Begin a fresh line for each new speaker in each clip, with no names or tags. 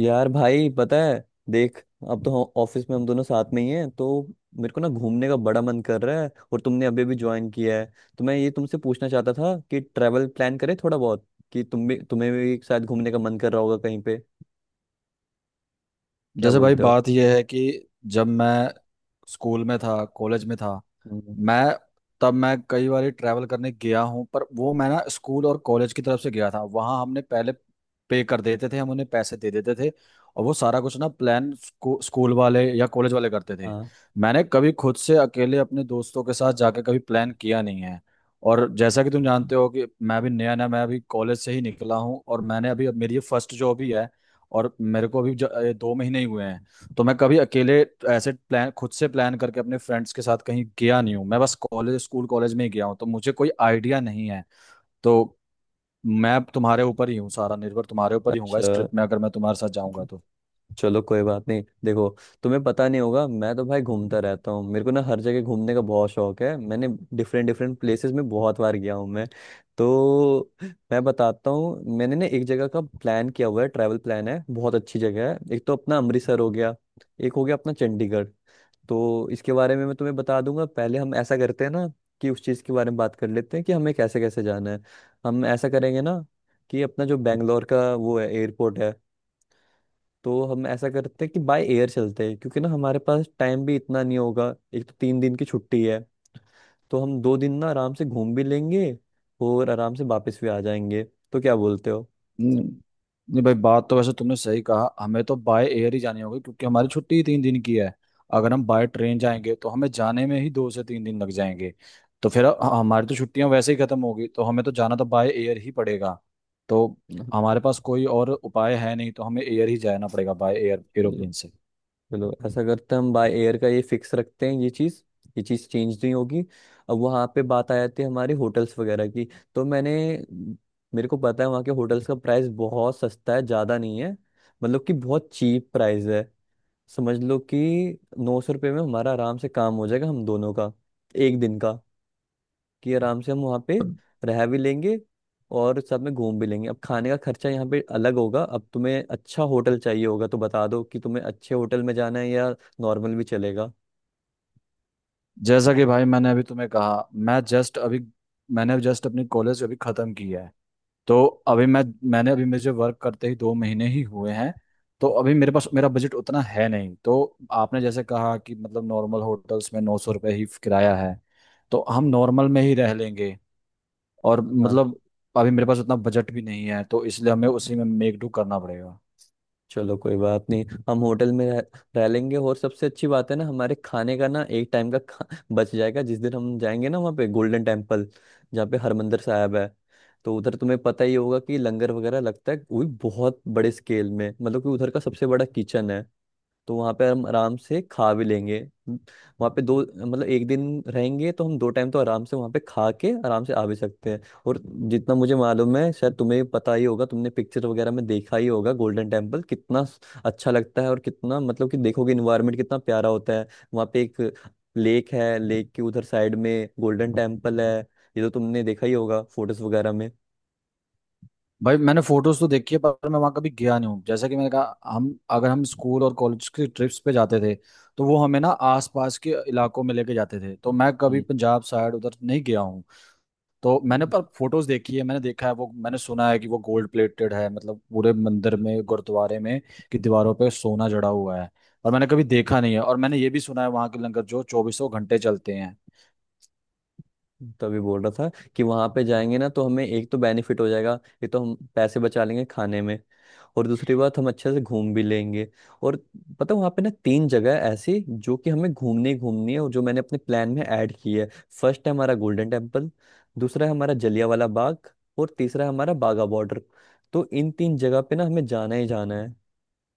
यार भाई पता है। देख, अब तो ऑफिस में हम दोनों साथ में ही हैं तो मेरे को ना घूमने का बड़ा मन कर रहा है, और तुमने अभी भी ज्वाइन किया है तो मैं ये तुमसे पूछना चाहता था कि ट्रैवल प्लान करें थोड़ा बहुत, कि तुम भी तुम्हें भी शायद घूमने का मन कर रहा होगा कहीं पे। क्या
जैसे भाई
बोलते हो?
बात यह है कि जब मैं स्कूल में था, कॉलेज में था,
हम्म।
मैं तब मैं कई बार ट्रैवल करने गया हूँ। पर वो मैं ना स्कूल और कॉलेज की तरफ से गया था, वहाँ हमने पहले पे कर देते थे, हम उन्हें पैसे दे देते थे और वो सारा कुछ ना प्लान स्कूल वाले या कॉलेज वाले करते थे।
हाँ।
मैंने कभी खुद से अकेले अपने दोस्तों के साथ जाके कभी प्लान किया नहीं है। और जैसा कि तुम जानते हो कि मैं भी नया नया, मैं अभी कॉलेज से ही निकला हूँ और मैंने अभी अब मेरी ये फर्स्ट जॉब ही है। और मेरे को अभी ये 2 महीने ही हुए हैं। तो मैं कभी अकेले ऐसे प्लान खुद से प्लान करके अपने फ्रेंड्स के साथ कहीं गया नहीं हूँ, मैं बस कॉलेज स्कूल कॉलेज में ही गया हूँ, तो मुझे कोई आइडिया नहीं है। तो मैं अब तुम्हारे ऊपर ही हूँ, सारा निर्भर तुम्हारे ऊपर ही हूँगा
अच्छा।
इस ट्रिप में, अगर मैं तुम्हारे साथ जाऊंगा तो।
चलो, कोई बात नहीं। देखो, तुम्हें पता नहीं होगा, मैं तो भाई घूमता रहता हूँ, मेरे को ना हर जगह घूमने का बहुत शौक है। मैंने डिफरेंट डिफरेंट प्लेसेस में बहुत बार गया हूँ मैं। तो मैं बताता हूँ, मैंने ना एक जगह का प्लान किया हुआ है, ट्रैवल प्लान है, बहुत अच्छी जगह है। एक तो अपना अमृतसर हो गया, एक हो गया अपना चंडीगढ़। तो इसके बारे में मैं तुम्हें बता दूंगा। पहले हम ऐसा करते हैं ना कि उस चीज़ के बारे में बात कर लेते हैं कि हमें कैसे कैसे जाना है। हम ऐसा करेंगे ना कि अपना जो बेंगलोर का वो है एयरपोर्ट है, तो हम ऐसा करते हैं कि बाय एयर चलते हैं, क्योंकि ना हमारे पास टाइम भी इतना नहीं होगा। एक तो 3 दिन की छुट्टी है, तो हम 2 दिन ना आराम से घूम भी लेंगे और आराम से वापस भी आ जाएंगे। तो क्या बोलते हो?
नहीं, नहीं भाई, बात तो वैसे तुमने सही कहा, हमें तो बाय एयर ही जानी होगी क्योंकि हमारी छुट्टी ही 3 दिन की है। अगर हम बाय ट्रेन जाएंगे तो हमें जाने में ही 2 से 3 दिन लग जाएंगे, तो फिर हमारी तो छुट्टियां वैसे ही खत्म होगी, तो हमें तो जाना तो बाय एयर ही पड़ेगा। तो
हाँ।
हमारे पास कोई और उपाय है नहीं, तो हमें एयर ही जाना पड़ेगा, बाय एयर,
चलो,
एरोप्लेन से।
चलो ऐसा करते हैं, हम बाय एयर का ये फिक्स रखते हैं ये चीज़। ये चीज़ चेंज नहीं होगी। अब वहाँ पे बात आ जाती है हमारे होटल्स वगैरह की। तो मैंने, मेरे को पता है वहाँ के होटल्स का प्राइस बहुत सस्ता है, ज़्यादा नहीं है। मतलब कि बहुत चीप प्राइस है। समझ लो कि 900 रुपये में हमारा आराम से काम हो जाएगा हम दोनों का, एक दिन का, कि आराम से हम वहाँ पे रह भी लेंगे और सब में घूम भी लेंगे। अब खाने का खर्चा यहाँ पे अलग होगा। अब तुम्हें अच्छा होटल चाहिए होगा तो बता दो कि तुम्हें अच्छे होटल में जाना है या नॉर्मल भी चलेगा।
जैसा कि भाई मैंने अभी तुम्हें कहा, मैंने जस्ट अपनी कॉलेज अभी खत्म की है। तो अभी मैंने अभी मुझे वर्क करते ही 2 महीने ही हुए हैं। तो अभी मेरे पास मेरा बजट उतना है नहीं, तो आपने जैसे कहा कि मतलब नॉर्मल होटल्स में 900 रुपये ही किराया है, तो हम नॉर्मल में ही रह लेंगे। और
हाँ।
मतलब अभी मेरे पास उतना बजट भी नहीं है, तो इसलिए हमें उसी में मेक डू करना पड़ेगा।
चलो, कोई बात नहीं, हम होटल में रह लेंगे। और सबसे अच्छी बात है ना, हमारे खाने का ना एक टाइम का बच जाएगा। जिस दिन हम जाएंगे ना वहाँ पे गोल्डन टेम्पल जहाँ पे हरमंदिर साहब है, तो उधर तुम्हें पता ही होगा कि लंगर वगैरह लगता है, वो भी बहुत बड़े स्केल में। मतलब कि उधर का सबसे बड़ा किचन है। तो वहाँ पे हम आराम से खा भी लेंगे। वहाँ पे दो मतलब एक दिन रहेंगे तो हम 2 टाइम तो आराम से वहाँ पे खा के आराम से आ भी सकते हैं। और जितना मुझे मालूम है, शायद तुम्हें भी पता ही होगा, तुमने पिक्चर वगैरह में देखा ही होगा गोल्डन टेम्पल कितना अच्छा लगता है, और कितना मतलब कि देखोगे, इन्वायरमेंट कितना प्यारा होता है। वहाँ पे एक लेक है, लेक के उधर साइड में गोल्डन टेम्पल है। ये तो तुमने देखा ही होगा फोटोज वगैरह में।
भाई मैंने फोटोज तो देखी है पर मैं वहाँ कभी गया नहीं हूँ। जैसा कि मैंने कहा, हम अगर हम स्कूल और कॉलेज की ट्रिप्स पे जाते थे तो वो हमें ना आसपास के इलाकों में लेके जाते थे, तो मैं कभी
हम्म।
पंजाब साइड उधर नहीं गया हूँ। तो मैंने पर फोटोज देखी है, मैंने देखा है वो, मैंने सुना है कि वो गोल्ड प्लेटेड है, मतलब पूरे मंदिर में, गुरुद्वारे में, कि दीवारों पे सोना जड़ा हुआ है, और मैंने कभी देखा नहीं है। और मैंने ये भी सुना है वहाँ के लंगर जो चौबीसों घंटे चलते हैं।
तभी बोल रहा था कि वहां पे जाएंगे ना तो हमें एक तो बेनिफिट हो जाएगा, ये तो हम पैसे बचा लेंगे खाने में। और दूसरी बात, हम अच्छे से घूम भी लेंगे। और पता, वहाँ पे ना तीन जगह है ऐसी जो कि हमें घूमनी ही घूमनी है और जो मैंने अपने प्लान में ऐड की है। फर्स्ट है हमारा गोल्डन टेम्पल, दूसरा है हमारा जलियांवाला बाग, और तीसरा है हमारा बागा बॉर्डर। तो इन तीन जगह पे ना हमें जाना ही जाना है।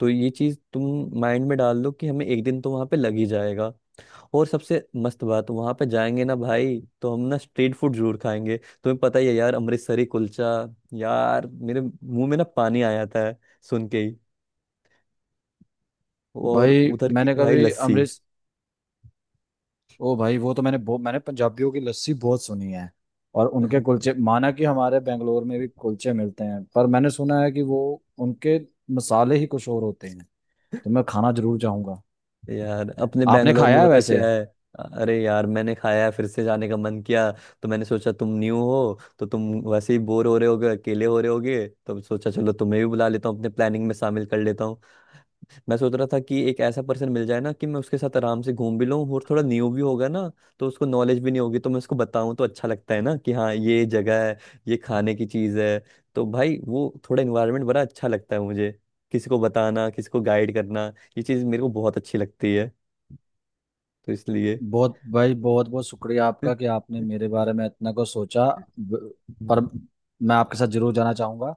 तो ये चीज़ तुम माइंड में डाल लो कि हमें एक दिन तो वहाँ पे लग ही जाएगा। और सबसे मस्त बात, वहां पे जाएंगे ना भाई तो हम ना स्ट्रीट फूड जरूर खाएंगे। तुम्हें पता ही है यार, अमृतसरी कुलचा, यार मेरे मुंह में ना पानी आ जाता है सुन के ही। और
भाई
उधर की
मैंने
भाई
कभी
लस्सी।
अमृत, ओ भाई वो तो मैंने मैंने पंजाबियों की लस्सी बहुत सुनी है। और उनके कुलचे, माना कि हमारे बेंगलोर में भी कुलचे मिलते हैं पर मैंने सुना है कि वो उनके मसाले ही कुछ और होते हैं, तो मैं खाना जरूर चाहूंगा।
यार अपने
आपने
बेंगलोर
खाया
में
है
पता
वैसे?
क्या है। अरे यार मैंने खाया है, फिर से जाने का मन किया। तो मैंने सोचा तुम न्यू हो, तो तुम वैसे ही बोर हो रहे होगे, अकेले हो रहे होगे, तो सोचा चलो तुम्हें भी बुला लेता हूँ अपने प्लानिंग में शामिल कर लेता हूँ। मैं सोच रहा था कि एक ऐसा पर्सन मिल जाए ना कि मैं उसके साथ आराम से घूम भी लूँ, और थोड़ा न्यू भी होगा ना, तो उसको नॉलेज भी नहीं होगी, तो मैं उसको बताऊँ तो अच्छा लगता है ना कि हाँ ये जगह है, ये खाने की चीज़ है। तो भाई वो थोड़ा इन्वायरमेंट बड़ा अच्छा लगता है मुझे, किसी को बताना, किसी को गाइड करना, ये चीज़ मेरे को बहुत अच्छी लगती है। तो इसलिए।
बहुत भाई बहुत बहुत शुक्रिया आपका कि आपने मेरे बारे में इतना कुछ सोचा। ब- पर मैं आपके साथ जरूर जाना चाहूँगा।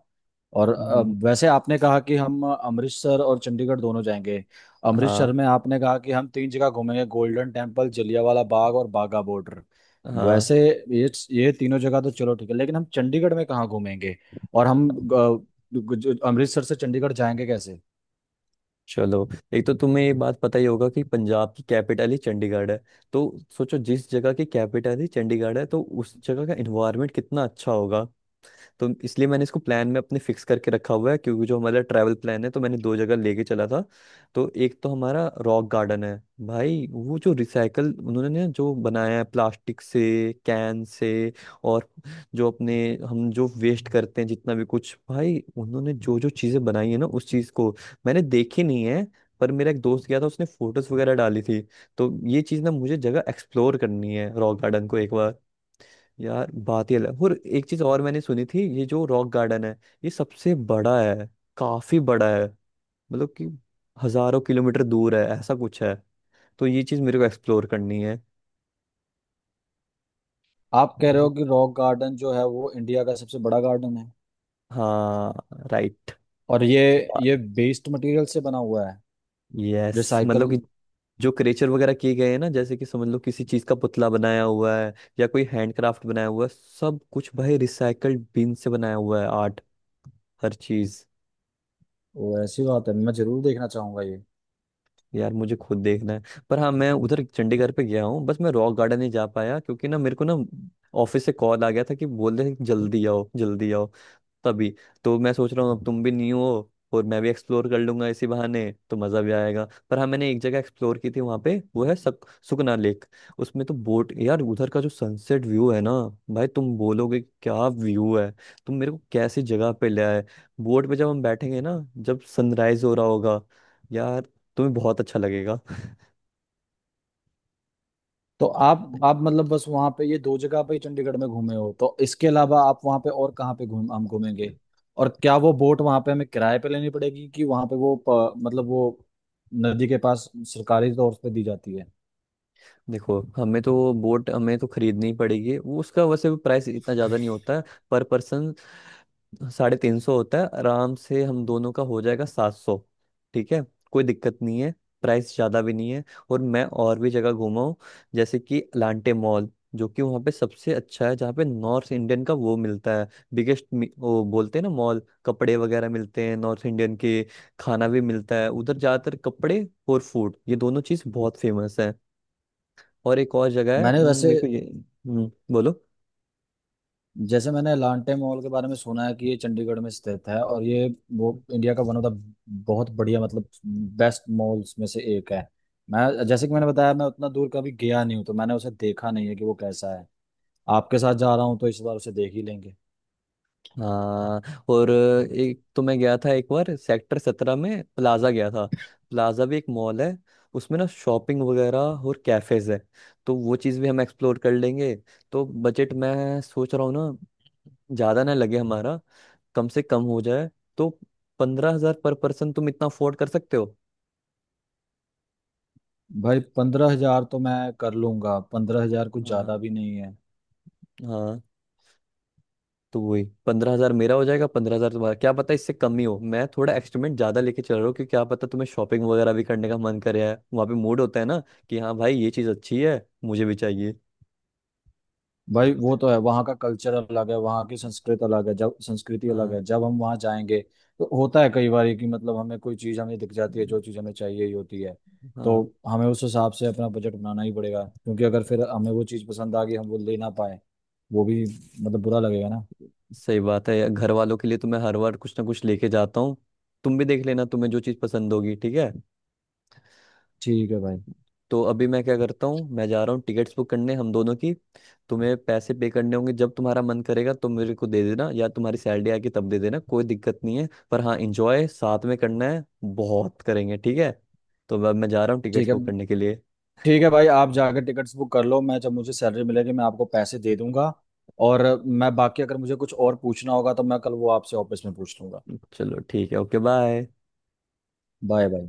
और
हम्म।
वैसे आपने कहा कि हम अमृतसर और चंडीगढ़ दोनों जाएंगे। अमृतसर
हाँ।
में आपने कहा कि हम तीन जगह घूमेंगे, गोल्डन टेम्पल, जलियांवाला बाग और बाघा बॉर्डर।
हाँ।
वैसे ये ये तीनों जगह तो चलो ठीक है, लेकिन हम चंडीगढ़ में कहाँ घूमेंगे? और हम अमृतसर से चंडीगढ़ जाएंगे कैसे?
चलो, एक तो तुम्हें ये बात पता ही होगा कि पंजाब की कैपिटल ही चंडीगढ़ है। तो सोचो, जिस जगह की कैपिटल ही चंडीगढ़ है तो उस जगह का एनवायरनमेंट कितना अच्छा होगा। तो इसलिए मैंने इसको प्लान में अपने फिक्स करके रखा हुआ है, क्योंकि जो हमारा ट्रैवल प्लान है, तो मैंने दो जगह लेके चला था। तो एक तो हमारा रॉक गार्डन है, भाई वो जो रिसाइकल उन्होंने ना जो बनाया है प्लास्टिक से कैन से, और जो अपने हम जो वेस्ट करते हैं जितना भी कुछ, भाई उन्होंने जो जो चीज़ें बनाई है ना उस चीज़ को मैंने देखी नहीं है, पर मेरा एक दोस्त गया था उसने फोटोज वगैरह डाली थी। तो ये चीज़ ना मुझे जगह एक्सप्लोर करनी है, रॉक गार्डन को एक बार। यार बात ही अलग है। और एक चीज और मैंने सुनी थी, ये जो रॉक गार्डन है ये सबसे बड़ा है, काफी बड़ा है। मतलब कि हजारों किलोमीटर दूर है, ऐसा कुछ है। तो ये चीज मेरे को एक्सप्लोर करनी है।
आप कह रहे
जी।
हो कि रॉक गार्डन जो है वो इंडिया का सबसे बड़ा गार्डन है?
हाँ। राइट।
और ये वेस्ट मटेरियल से बना हुआ है?
Yes,
recycle?
मतलब कि जो क्रेचर वगैरह किए गए हैं ना जैसे कि समझ लो किसी चीज का पुतला बनाया हुआ है या कोई हैंडक्राफ्ट बनाया हुआ है, सब कुछ भाई रिसाइकल्ड बिन से बनाया हुआ है, आर्ट, हर चीज।
वो ऐसी बात है, मैं जरूर देखना चाहूंगा ये।
यार मुझे खुद देखना है। पर हाँ मैं उधर चंडीगढ़ पे गया हूँ, बस मैं रॉक गार्डन नहीं जा पाया क्योंकि ना मेरे को ना ऑफिस से कॉल आ गया था, कि बोल रहे हैं कि जल्दी आओ जल्दी आओ, तभी। तो मैं सोच रहा हूँ, अब तुम भी न्यू हो और मैं भी एक्सप्लोर कर लूंगा इसी बहाने, तो मज़ा भी आएगा। पर हाँ मैंने एक जगह एक्सप्लोर की थी वहाँ पे, वो है सुकना लेक। उसमें तो बोट, यार उधर का जो सनसेट व्यू है ना, भाई तुम बोलोगे कि क्या व्यू है, तुम मेरे को कैसी जगह पे ले आए। बोट पे जब हम बैठेंगे ना, जब सनराइज हो रहा होगा, यार तुम्हें बहुत अच्छा लगेगा।
तो आप मतलब बस वहां पे ये दो जगह पे ही चंडीगढ़ में घूमे हो? तो इसके अलावा आप वहां पे और कहाँ पे घूम हम घूमेंगे? और क्या वो बोट वहां पे हमें किराए पे लेनी पड़ेगी, कि वहां पे वो मतलब वो नदी के पास सरकारी तौर पे दी जाती है?
देखो हमें तो बोट हमें तो खरीदनी ही पड़ेगी, वो उसका वैसे प्राइस इतना ज़्यादा नहीं होता है। पर पर्सन 350 होता है, आराम से हम दोनों का हो जाएगा 700। ठीक है, कोई दिक्कत नहीं है, प्राइस ज़्यादा भी नहीं है। और मैं और भी जगह घूमा हूँ, जैसे कि अलांटे मॉल, जो कि वहाँ पे सबसे अच्छा है, जहाँ पे नॉर्थ इंडियन का वो मिलता है, बिगेस्ट, वो बोलते हैं ना मॉल, कपड़े वगैरह मिलते हैं नॉर्थ इंडियन के, खाना भी मिलता है उधर। ज़्यादातर कपड़े और फूड ये दोनों चीज़ बहुत फेमस है। और एक और जगह है,
मैंने वैसे
मेरे को ये, बोलो।
जैसे मैंने लांटे मॉल के बारे में सुना है कि ये चंडीगढ़ में स्थित है और ये, वो इंडिया का वन ऑफ द, बहुत बढ़िया, मतलब बेस्ट मॉल्स में से एक है। मैं जैसे कि मैंने बताया, मैं उतना दूर कभी गया नहीं हूँ तो मैंने उसे देखा नहीं है कि वो कैसा है। आपके साथ जा रहा हूँ तो इस बार उसे देख ही लेंगे।
हाँ, और एक तो मैं गया था एक बार सेक्टर 17 में, प्लाजा गया था, प्लाजा भी एक मॉल है। उसमें ना शॉपिंग वगैरह और कैफेज है, तो वो चीज़ भी हम एक्सप्लोर कर लेंगे। तो बजट मैं सोच रहा हूँ ना ज़्यादा ना लगे हमारा, कम से कम हो जाए। तो 15,000 पर पर्सन तुम इतना अफोर्ड कर सकते हो?
भाई 15 हजार तो मैं कर लूंगा, 15 हजार कुछ
हाँ।
ज्यादा भी नहीं है।
हाँ। तो वही 15,000 मेरा हो जाएगा, 15,000 तुम्हारा, क्या पता इससे कम ही हो। मैं थोड़ा एक्सपेरिमेंट ज्यादा लेके चल रहा हूँ क्योंकि क्या पता तुम्हें शॉपिंग वगैरह भी करने का मन करे, है वहाँ पे मूड होता है ना कि हाँ भाई ये चीज अच्छी है, मुझे भी चाहिए।
भाई वो तो है, वहाँ का कल्चर अलग है, वहाँ की संस्कृत अलग है, जब संस्कृति अलग
हाँ।
है, जब हम वहाँ जाएंगे, तो होता है कई बार कि मतलब हमें कोई चीज़ हमें दिख जाती है, जो चीज़ हमें चाहिए ही होती है। तो
हाँ।
हमें उस हिसाब से अपना बजट बनाना ही पड़ेगा, क्योंकि अगर फिर हमें वो चीज़ पसंद आ गई, हम वो ले ना पाए, वो भी मतलब बुरा लगेगा ना।
सही बात है, घर वालों के लिए तो मैं हर बार कुछ ना कुछ लेके जाता हूँ। तुम भी देख लेना तुम्हें जो चीज पसंद होगी, ठीक है।
ठीक है भाई।
तो अभी मैं क्या करता हूँ, मैं जा रहा हूँ टिकट्स बुक करने, हम दोनों की। तुम्हें पैसे पे करने होंगे, जब तुम्हारा मन करेगा तो मेरे को दे देना, या तुम्हारी सैलरी आके तब दे देना, कोई दिक्कत नहीं है। पर हाँ, इंजॉय साथ में करना है, बहुत करेंगे, ठीक है। तो अब मैं जा रहा हूँ टिकट्स
ठीक है।
बुक करने के लिए।
ठीक है भाई, आप जाकर टिकट्स बुक कर लो, मैं जब मुझे सैलरी मिलेगी मैं आपको पैसे दे दूंगा। और मैं बाकी, अगर मुझे कुछ और पूछना होगा तो मैं कल वो आपसे ऑफिस में पूछ लूंगा।
चलो ठीक है, ओके, बाय।
Bye bye.